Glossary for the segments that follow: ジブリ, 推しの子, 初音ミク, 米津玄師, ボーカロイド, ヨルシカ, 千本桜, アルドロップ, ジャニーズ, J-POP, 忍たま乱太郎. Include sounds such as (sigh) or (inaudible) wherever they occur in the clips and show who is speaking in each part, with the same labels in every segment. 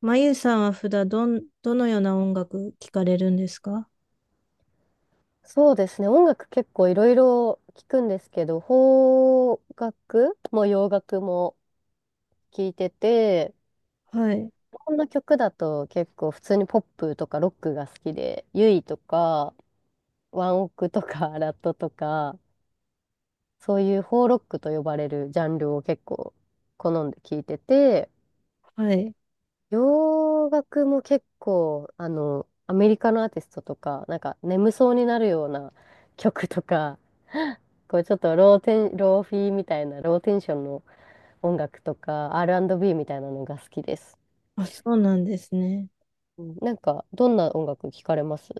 Speaker 1: まゆさんは普段どのような音楽聴かれるんですか？
Speaker 2: そうですね。音楽結構いろいろ聞くんですけど、邦楽も洋楽も聞いてて、
Speaker 1: はい、
Speaker 2: 日本の曲だと結構普通にポップとかロックが好きで、ユイとかワンオクとか (laughs) ラットとか、そういう邦ロックと呼ばれるジャンルを結構好んで聞いてて、
Speaker 1: はい。
Speaker 2: 洋楽も結構、アメリカのアーティストとか、なんか眠そうになるような曲とか、こうちょっとローフィーみたいな、ローテンションの音楽とか、R&B みたいなのが好きです。
Speaker 1: あ、そうなんですね。
Speaker 2: うん、なんか、どんな音楽聞かれます？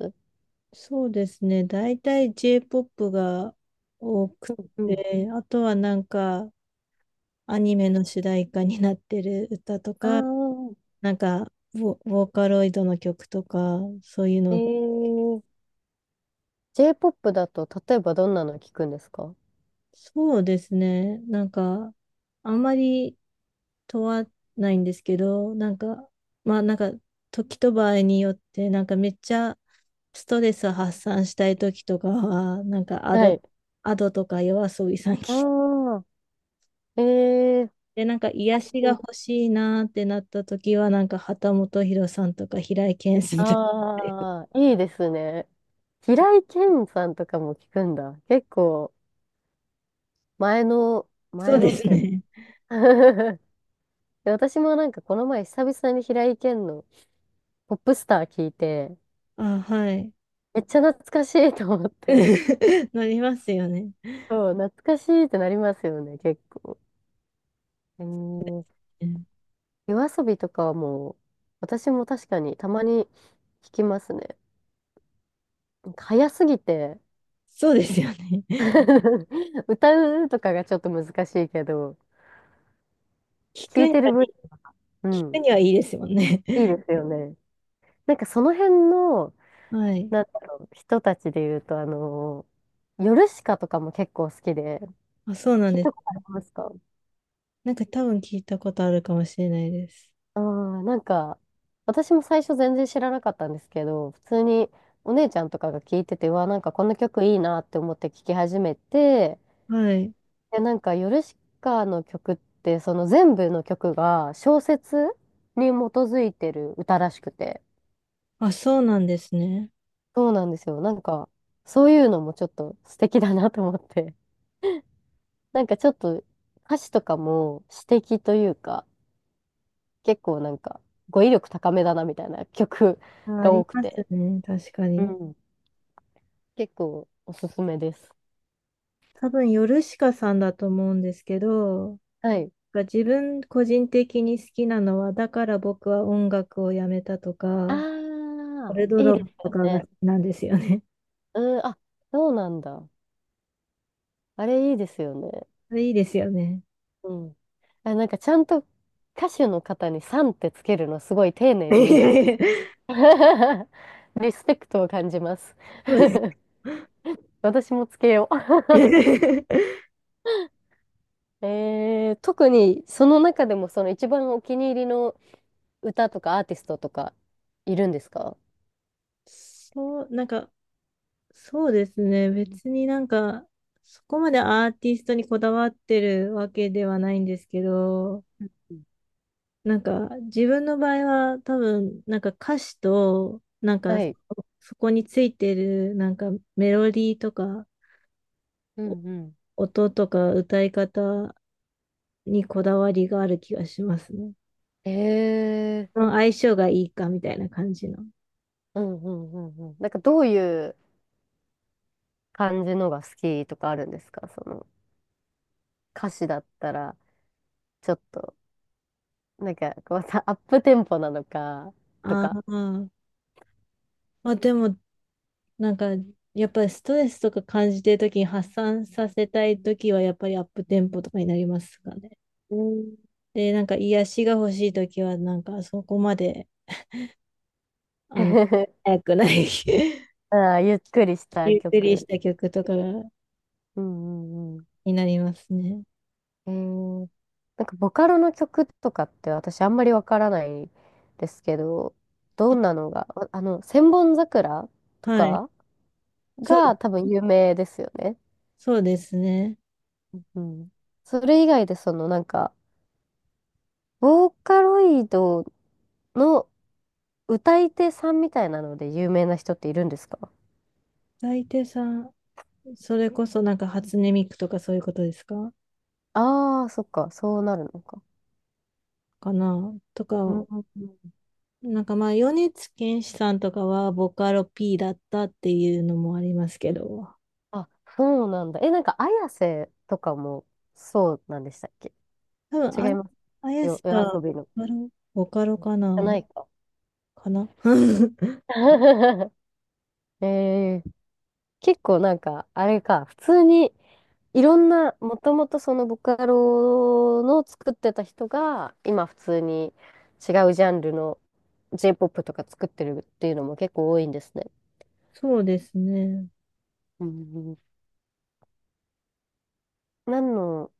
Speaker 1: そうですね。大体 J-POP が多く
Speaker 2: うんうん。
Speaker 1: て、あとはなんかアニメの主題歌になってる歌とか、
Speaker 2: あ
Speaker 1: なんかボーカロイドの曲とか、そういう
Speaker 2: あ、
Speaker 1: のを。
Speaker 2: J-POP だと、例えばどんなの聞くんですか？
Speaker 1: そうですね。なんか、あんまり問わないんですけど、なんか、まあなんか、時と場合によって、なんかめっちゃストレス発散したい時とかは、なんか
Speaker 2: はい。
Speaker 1: アドとか夜遊びさん
Speaker 2: あ
Speaker 1: 聞い
Speaker 2: あ、えー、
Speaker 1: て、なんか癒しが欲しいなーってなった時は、なんか旗本博さんとか平井堅さんとか。(laughs)
Speaker 2: ああ、いいですね。平井堅さんとかも聞くんだ。結構、前の、
Speaker 1: そう
Speaker 2: 前
Speaker 1: で
Speaker 2: のっ
Speaker 1: す
Speaker 2: ていうか
Speaker 1: ね。
Speaker 2: (laughs) で私もなんかこの前久々に平井堅のポップスター聞いて、
Speaker 1: あ、はい。
Speaker 2: めっちゃ懐かしいと思って。
Speaker 1: (laughs) なりますよね。
Speaker 2: そう、懐かしいってなりますよね、結構。えー、
Speaker 1: うん、
Speaker 2: 夜遊びとかはもう、私も確かにたまに聞きますね。なんか早すぎて
Speaker 1: そうですよね。
Speaker 2: (laughs) 歌うとかがちょっと難しいけど、
Speaker 1: 聞
Speaker 2: 聞
Speaker 1: く
Speaker 2: い
Speaker 1: に
Speaker 2: てる分、う
Speaker 1: 聞く
Speaker 2: ん、
Speaker 1: にはいいですもんね。
Speaker 2: いい
Speaker 1: (laughs)
Speaker 2: ですよね。なんかその辺の、
Speaker 1: はい。
Speaker 2: なんだろう、人たちで言うと、ヨルシカとかも結構好きで、
Speaker 1: あ、そうなん
Speaker 2: 聞い
Speaker 1: で
Speaker 2: たこ
Speaker 1: す。
Speaker 2: とありますか？
Speaker 1: なんか多分聞いたことあるかもしれないです。
Speaker 2: あー、なんか、私も最初全然知らなかったんですけど、普通にお姉ちゃんとかが聞いてて、うわ、なんかこの曲いいなって思って聴き始めて、
Speaker 1: はい。
Speaker 2: で、なんかヨルシカの曲って、その全部の曲が小説に基づいてる歌らしくて、
Speaker 1: あ、そうなんですね。
Speaker 2: そうなんですよ。なんか、そういうのもちょっと素敵だなと思って、(laughs) なんかちょっと歌詞とかも詩的というか、結構なんか語彙力高めだなみたいな曲
Speaker 1: あ、あ
Speaker 2: が
Speaker 1: り
Speaker 2: 多く
Speaker 1: ます
Speaker 2: て。
Speaker 1: ね。確か
Speaker 2: う
Speaker 1: に。
Speaker 2: ん、結構おすすめです。
Speaker 1: 多分、ヨルシカさんだと思うんですけど、
Speaker 2: はい。
Speaker 1: が自分個人的に好きなのは、だから僕は音楽をやめたとか、
Speaker 2: あ
Speaker 1: ア
Speaker 2: あ、
Speaker 1: ルド
Speaker 2: いい
Speaker 1: ロッ
Speaker 2: で
Speaker 1: プ
Speaker 2: す
Speaker 1: とかが
Speaker 2: よ
Speaker 1: 好
Speaker 2: ね。
Speaker 1: きなんですよね。
Speaker 2: うん、あ、そうなんだ。あれいいですよね。
Speaker 1: (laughs) それいいですよね。
Speaker 2: うん。あ、なんかちゃんと歌手の方にさんってつけるのすごい丁寧
Speaker 1: (laughs)
Speaker 2: でいいです。
Speaker 1: そ
Speaker 2: (laughs) リスペクトを感じます。
Speaker 1: うです
Speaker 2: 私もつけよ
Speaker 1: (laughs)
Speaker 2: う。(laughs) 特にその中でもその一番お気に入りの歌とかアーティストとかいるんですか？
Speaker 1: そう、なんかそうですね。別になんか、そこまでアーティストにこだわってるわけではないんですけど、
Speaker 2: うんうん、
Speaker 1: なんか自分の場合は多分、なんか歌詞と、なん
Speaker 2: は
Speaker 1: か
Speaker 2: い。
Speaker 1: そこについてるなんかメロディーとか、
Speaker 2: うんうん。
Speaker 1: お音とか歌い方にこだわりがある気がしますね。
Speaker 2: えー、
Speaker 1: その相性がいいかみたいな感じの。
Speaker 2: うんうんうんうん。なんかどういう感じのが好きとかあるんですか？その歌詞だったら、ちょっと、なんか、こうさ、(laughs) アップテンポなのか、と
Speaker 1: あ
Speaker 2: か。
Speaker 1: ーあ、でもなんか、やっぱりストレスとか感じてるときに発散させたいときは、やっぱりアップテンポとかになりますかね。
Speaker 2: うん
Speaker 1: で、なんか癒しが欲しいときは、なんかそこまで、あの、
Speaker 2: (laughs)
Speaker 1: 早くない (laughs)
Speaker 2: ああ、ゆっくりした
Speaker 1: ゆっくり
Speaker 2: 曲。
Speaker 1: した曲とかが
Speaker 2: うんうん
Speaker 1: になりますね。
Speaker 2: うん。なんか、ボカロの曲とかって私あんまりわからないですけど、どんなのが、千本桜と
Speaker 1: はい。
Speaker 2: か
Speaker 1: そうで
Speaker 2: が
Speaker 1: す、
Speaker 2: 多分有名ですよね。
Speaker 1: そうですね。
Speaker 2: うん。それ以外で、そのなんか、ボーカロイドの歌い手さんみたいなので有名な人っているんですか？
Speaker 1: 大抵さん、それこそなんか初音ミクとかそういうことですか
Speaker 2: ああー、そっか、そうなるのか。
Speaker 1: かなと
Speaker 2: うん
Speaker 1: か、
Speaker 2: うんうん。
Speaker 1: なんかまあ、米津玄師さんとかはボカロ P だったっていうのもありますけど、
Speaker 2: あ、そうなんだ。え、なんか、綾瀬とかもそうなんでしたっけ？
Speaker 1: 多分、
Speaker 2: 違
Speaker 1: あ、
Speaker 2: います。
Speaker 1: あやし
Speaker 2: 夜
Speaker 1: か、
Speaker 2: 遊びの。じ
Speaker 1: カロ、ボカロか
Speaker 2: ゃな
Speaker 1: な
Speaker 2: いか。
Speaker 1: かな (laughs)
Speaker 2: (laughs) えー、結構なんか、あれか、普通に、いろんな、もともとそのボカロの作ってた人が、今普通に違うジャンルの J-POP とか作ってるっていうのも結構多いんですね。
Speaker 1: そうですね。
Speaker 2: うんうん。何の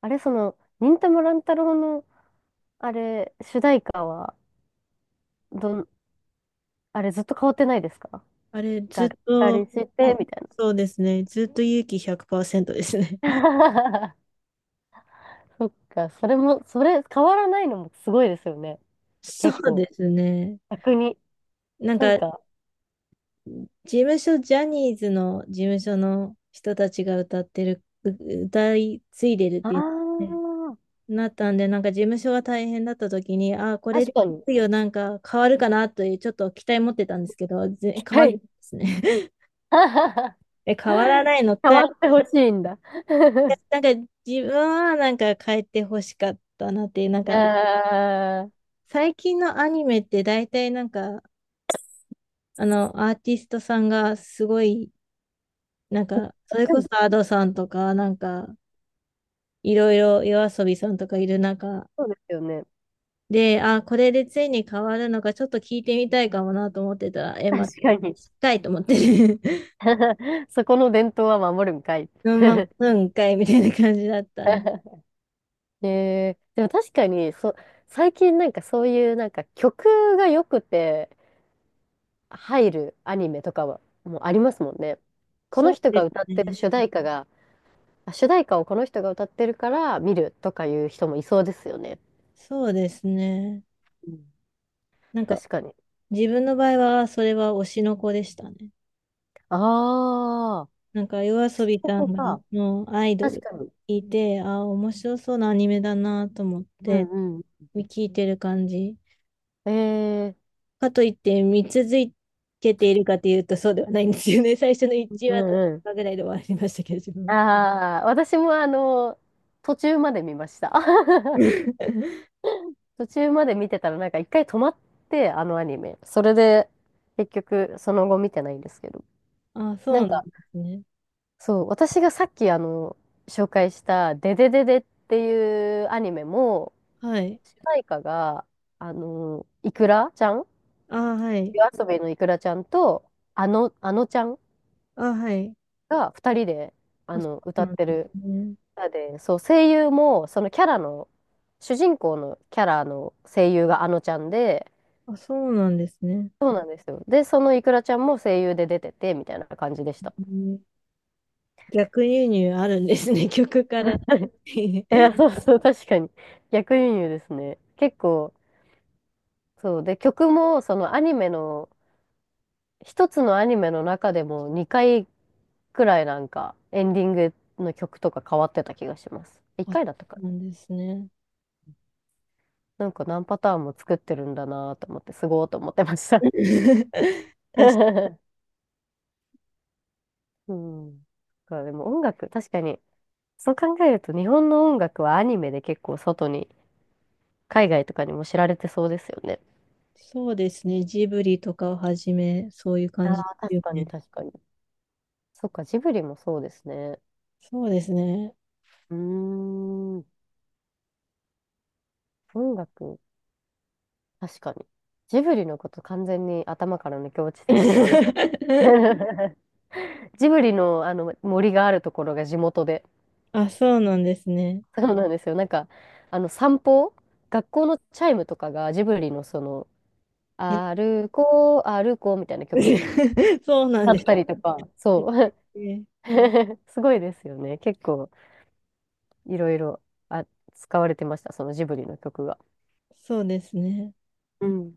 Speaker 2: あれ、その、忍たま乱太郎の、あれ、主題歌は、どん、あれずっと変わってないですか？
Speaker 1: あれ、
Speaker 2: が
Speaker 1: ずっ
Speaker 2: っかり
Speaker 1: と、
Speaker 2: して、
Speaker 1: あ、
Speaker 2: みたい
Speaker 1: そうですね。ずっと勇気100%ですね。(laughs)
Speaker 2: な。(laughs) そっか、それも、それ、変わらないのもすごいですよね。
Speaker 1: そ
Speaker 2: 結
Speaker 1: う
Speaker 2: 構、
Speaker 1: ですね。
Speaker 2: 逆に。
Speaker 1: なん
Speaker 2: なん
Speaker 1: か、
Speaker 2: か、
Speaker 1: 事務所、ジャニーズの事務所の人たちが歌ってる、歌い継いでるっ
Speaker 2: あ
Speaker 1: ていうね、
Speaker 2: あ、
Speaker 1: なったんで、なんか事務所が大変だった時に、ああ、これ
Speaker 2: 確
Speaker 1: で
Speaker 2: かに。
Speaker 1: なんか変わるかなという、ちょっと期待持ってたんですけど、変
Speaker 2: は
Speaker 1: わらないで
Speaker 2: い。
Speaker 1: すね。
Speaker 2: (laughs)
Speaker 1: え、変わらないの
Speaker 2: 変
Speaker 1: かい。
Speaker 2: わってほしいんだ。
Speaker 1: なんか自分はなんか変えてほしかったなっていう、なん
Speaker 2: (laughs)
Speaker 1: か
Speaker 2: ああ、(laughs)
Speaker 1: 最近のアニメって大体なんかあのアーティストさんがすごいなんかそれ
Speaker 2: う
Speaker 1: こそ
Speaker 2: ん、
Speaker 1: アドさんとかなんかいろいろ夜遊びさんとかいる中
Speaker 2: そうですよね。
Speaker 1: で、あ、これでついに変わるのかちょっと聞いてみたいかもなと思ってたら、え、まあ、
Speaker 2: 確かに。
Speaker 1: 深いと思ってね (laughs)
Speaker 2: (laughs) そこの伝統は守るんかい。
Speaker 1: そのま
Speaker 2: (laughs)
Speaker 1: まうんかいみたいな感じだったんで。
Speaker 2: ねえ、でも確かに、最近なんかそういうなんか曲が良くて入るアニメとかはもうありますもんね。この
Speaker 1: そう
Speaker 2: 人
Speaker 1: で
Speaker 2: が歌っ
Speaker 1: す
Speaker 2: てる
Speaker 1: ね。
Speaker 2: 主題歌が、あ、主題歌をこの人が歌ってるから見るとかいう人もいそうですよね。
Speaker 1: そうですね。
Speaker 2: うん、
Speaker 1: なんか
Speaker 2: 確かに。
Speaker 1: 自分の場合は、それは推しの子でしたね。
Speaker 2: ああ、
Speaker 1: なんか、夜遊び
Speaker 2: こ
Speaker 1: さん
Speaker 2: こ
Speaker 1: が、
Speaker 2: か。
Speaker 1: のアイド
Speaker 2: 確
Speaker 1: ル
Speaker 2: かに。
Speaker 1: 聞いて、ああ、面白そうなアニメだなと思っ
Speaker 2: う
Speaker 1: て、
Speaker 2: んう
Speaker 1: 聞いてる感じ。
Speaker 2: ん。え
Speaker 1: かといって、見続けているかというと、そうではないんですよね。(laughs) 最初の
Speaker 2: ー、
Speaker 1: 1
Speaker 2: う
Speaker 1: 話と
Speaker 2: んうん。
Speaker 1: かぐらいで終わりましたけど、自分は。
Speaker 2: ああ、私もあの、途中まで見ました。(laughs)
Speaker 1: (laughs)
Speaker 2: 途中まで見てたらなんか一回止まって、あのアニメ。それで、結局その後見てないんですけど。
Speaker 1: ああ、そ
Speaker 2: なん
Speaker 1: うなん
Speaker 2: か、
Speaker 1: ですね。
Speaker 2: そう、私がさっき紹介したデデデデっていうアニメも、
Speaker 1: はい。
Speaker 2: 主題歌が、あの、イクラちゃん
Speaker 1: ああ、はい。
Speaker 2: 夜遊びのイクラちゃんと、あのちゃん
Speaker 1: ああ、はい。
Speaker 2: が二人で、
Speaker 1: あ、そ
Speaker 2: 歌
Speaker 1: う
Speaker 2: っ
Speaker 1: なん
Speaker 2: て
Speaker 1: で
Speaker 2: る
Speaker 1: すね。
Speaker 2: 歌で、そう、声優も、そのキャラの、主人公のキャラの声優があのちゃんで、
Speaker 1: あ、そうなんですね。
Speaker 2: そうなんですよ。で、そのイクラちゃんも声優で出てて、みたいな感じでした。
Speaker 1: うん、逆輸入あるんですね、(laughs) 曲から。(laughs)
Speaker 2: (laughs) いや、そうそう、確かに。逆輸入ですね。結構、そう。で、曲も、そのアニメの、一つのアニメの中でも2回くらいなんか、エンディングの曲とか変わってた気がします。1
Speaker 1: あ、
Speaker 2: 回だったかな。
Speaker 1: なんですね。
Speaker 2: なんか何パターンも作ってるんだなと思って、すごーと思ってました。
Speaker 1: (laughs)
Speaker 2: (laughs) うん。だからでも音楽、確かに、そう考えると日本の音楽はアニメで結構外に海外とかにも知られてそうですよね。
Speaker 1: そうですね。ジブリとかをはじめ、そういう
Speaker 2: あ
Speaker 1: 感じで
Speaker 2: あ、
Speaker 1: す
Speaker 2: 確
Speaker 1: よ
Speaker 2: かに
Speaker 1: ね。
Speaker 2: 確かに。そっか、ジブリもそうですね。
Speaker 1: そうですね。
Speaker 2: うーん、音楽、確かに。ジブリのこと完全に頭から抜け落ちてたけどね、私
Speaker 1: (laughs)
Speaker 2: (laughs) ジブリの、あの森があるところが地元で。
Speaker 1: あ、そうなんですね。
Speaker 2: そうなんですよ。なんか、あの散歩、学校のチャイムとかがジブリのその、
Speaker 1: え
Speaker 2: 歩こう、歩こうみたいな曲
Speaker 1: (laughs) そうなん
Speaker 2: だ
Speaker 1: で
Speaker 2: っ
Speaker 1: す
Speaker 2: たりとか、そう。
Speaker 1: ね。
Speaker 2: (laughs) すごいですよね。結構、いろいろ、あ、使われてました、そのジブリの曲が。
Speaker 1: そうですね。
Speaker 2: うん。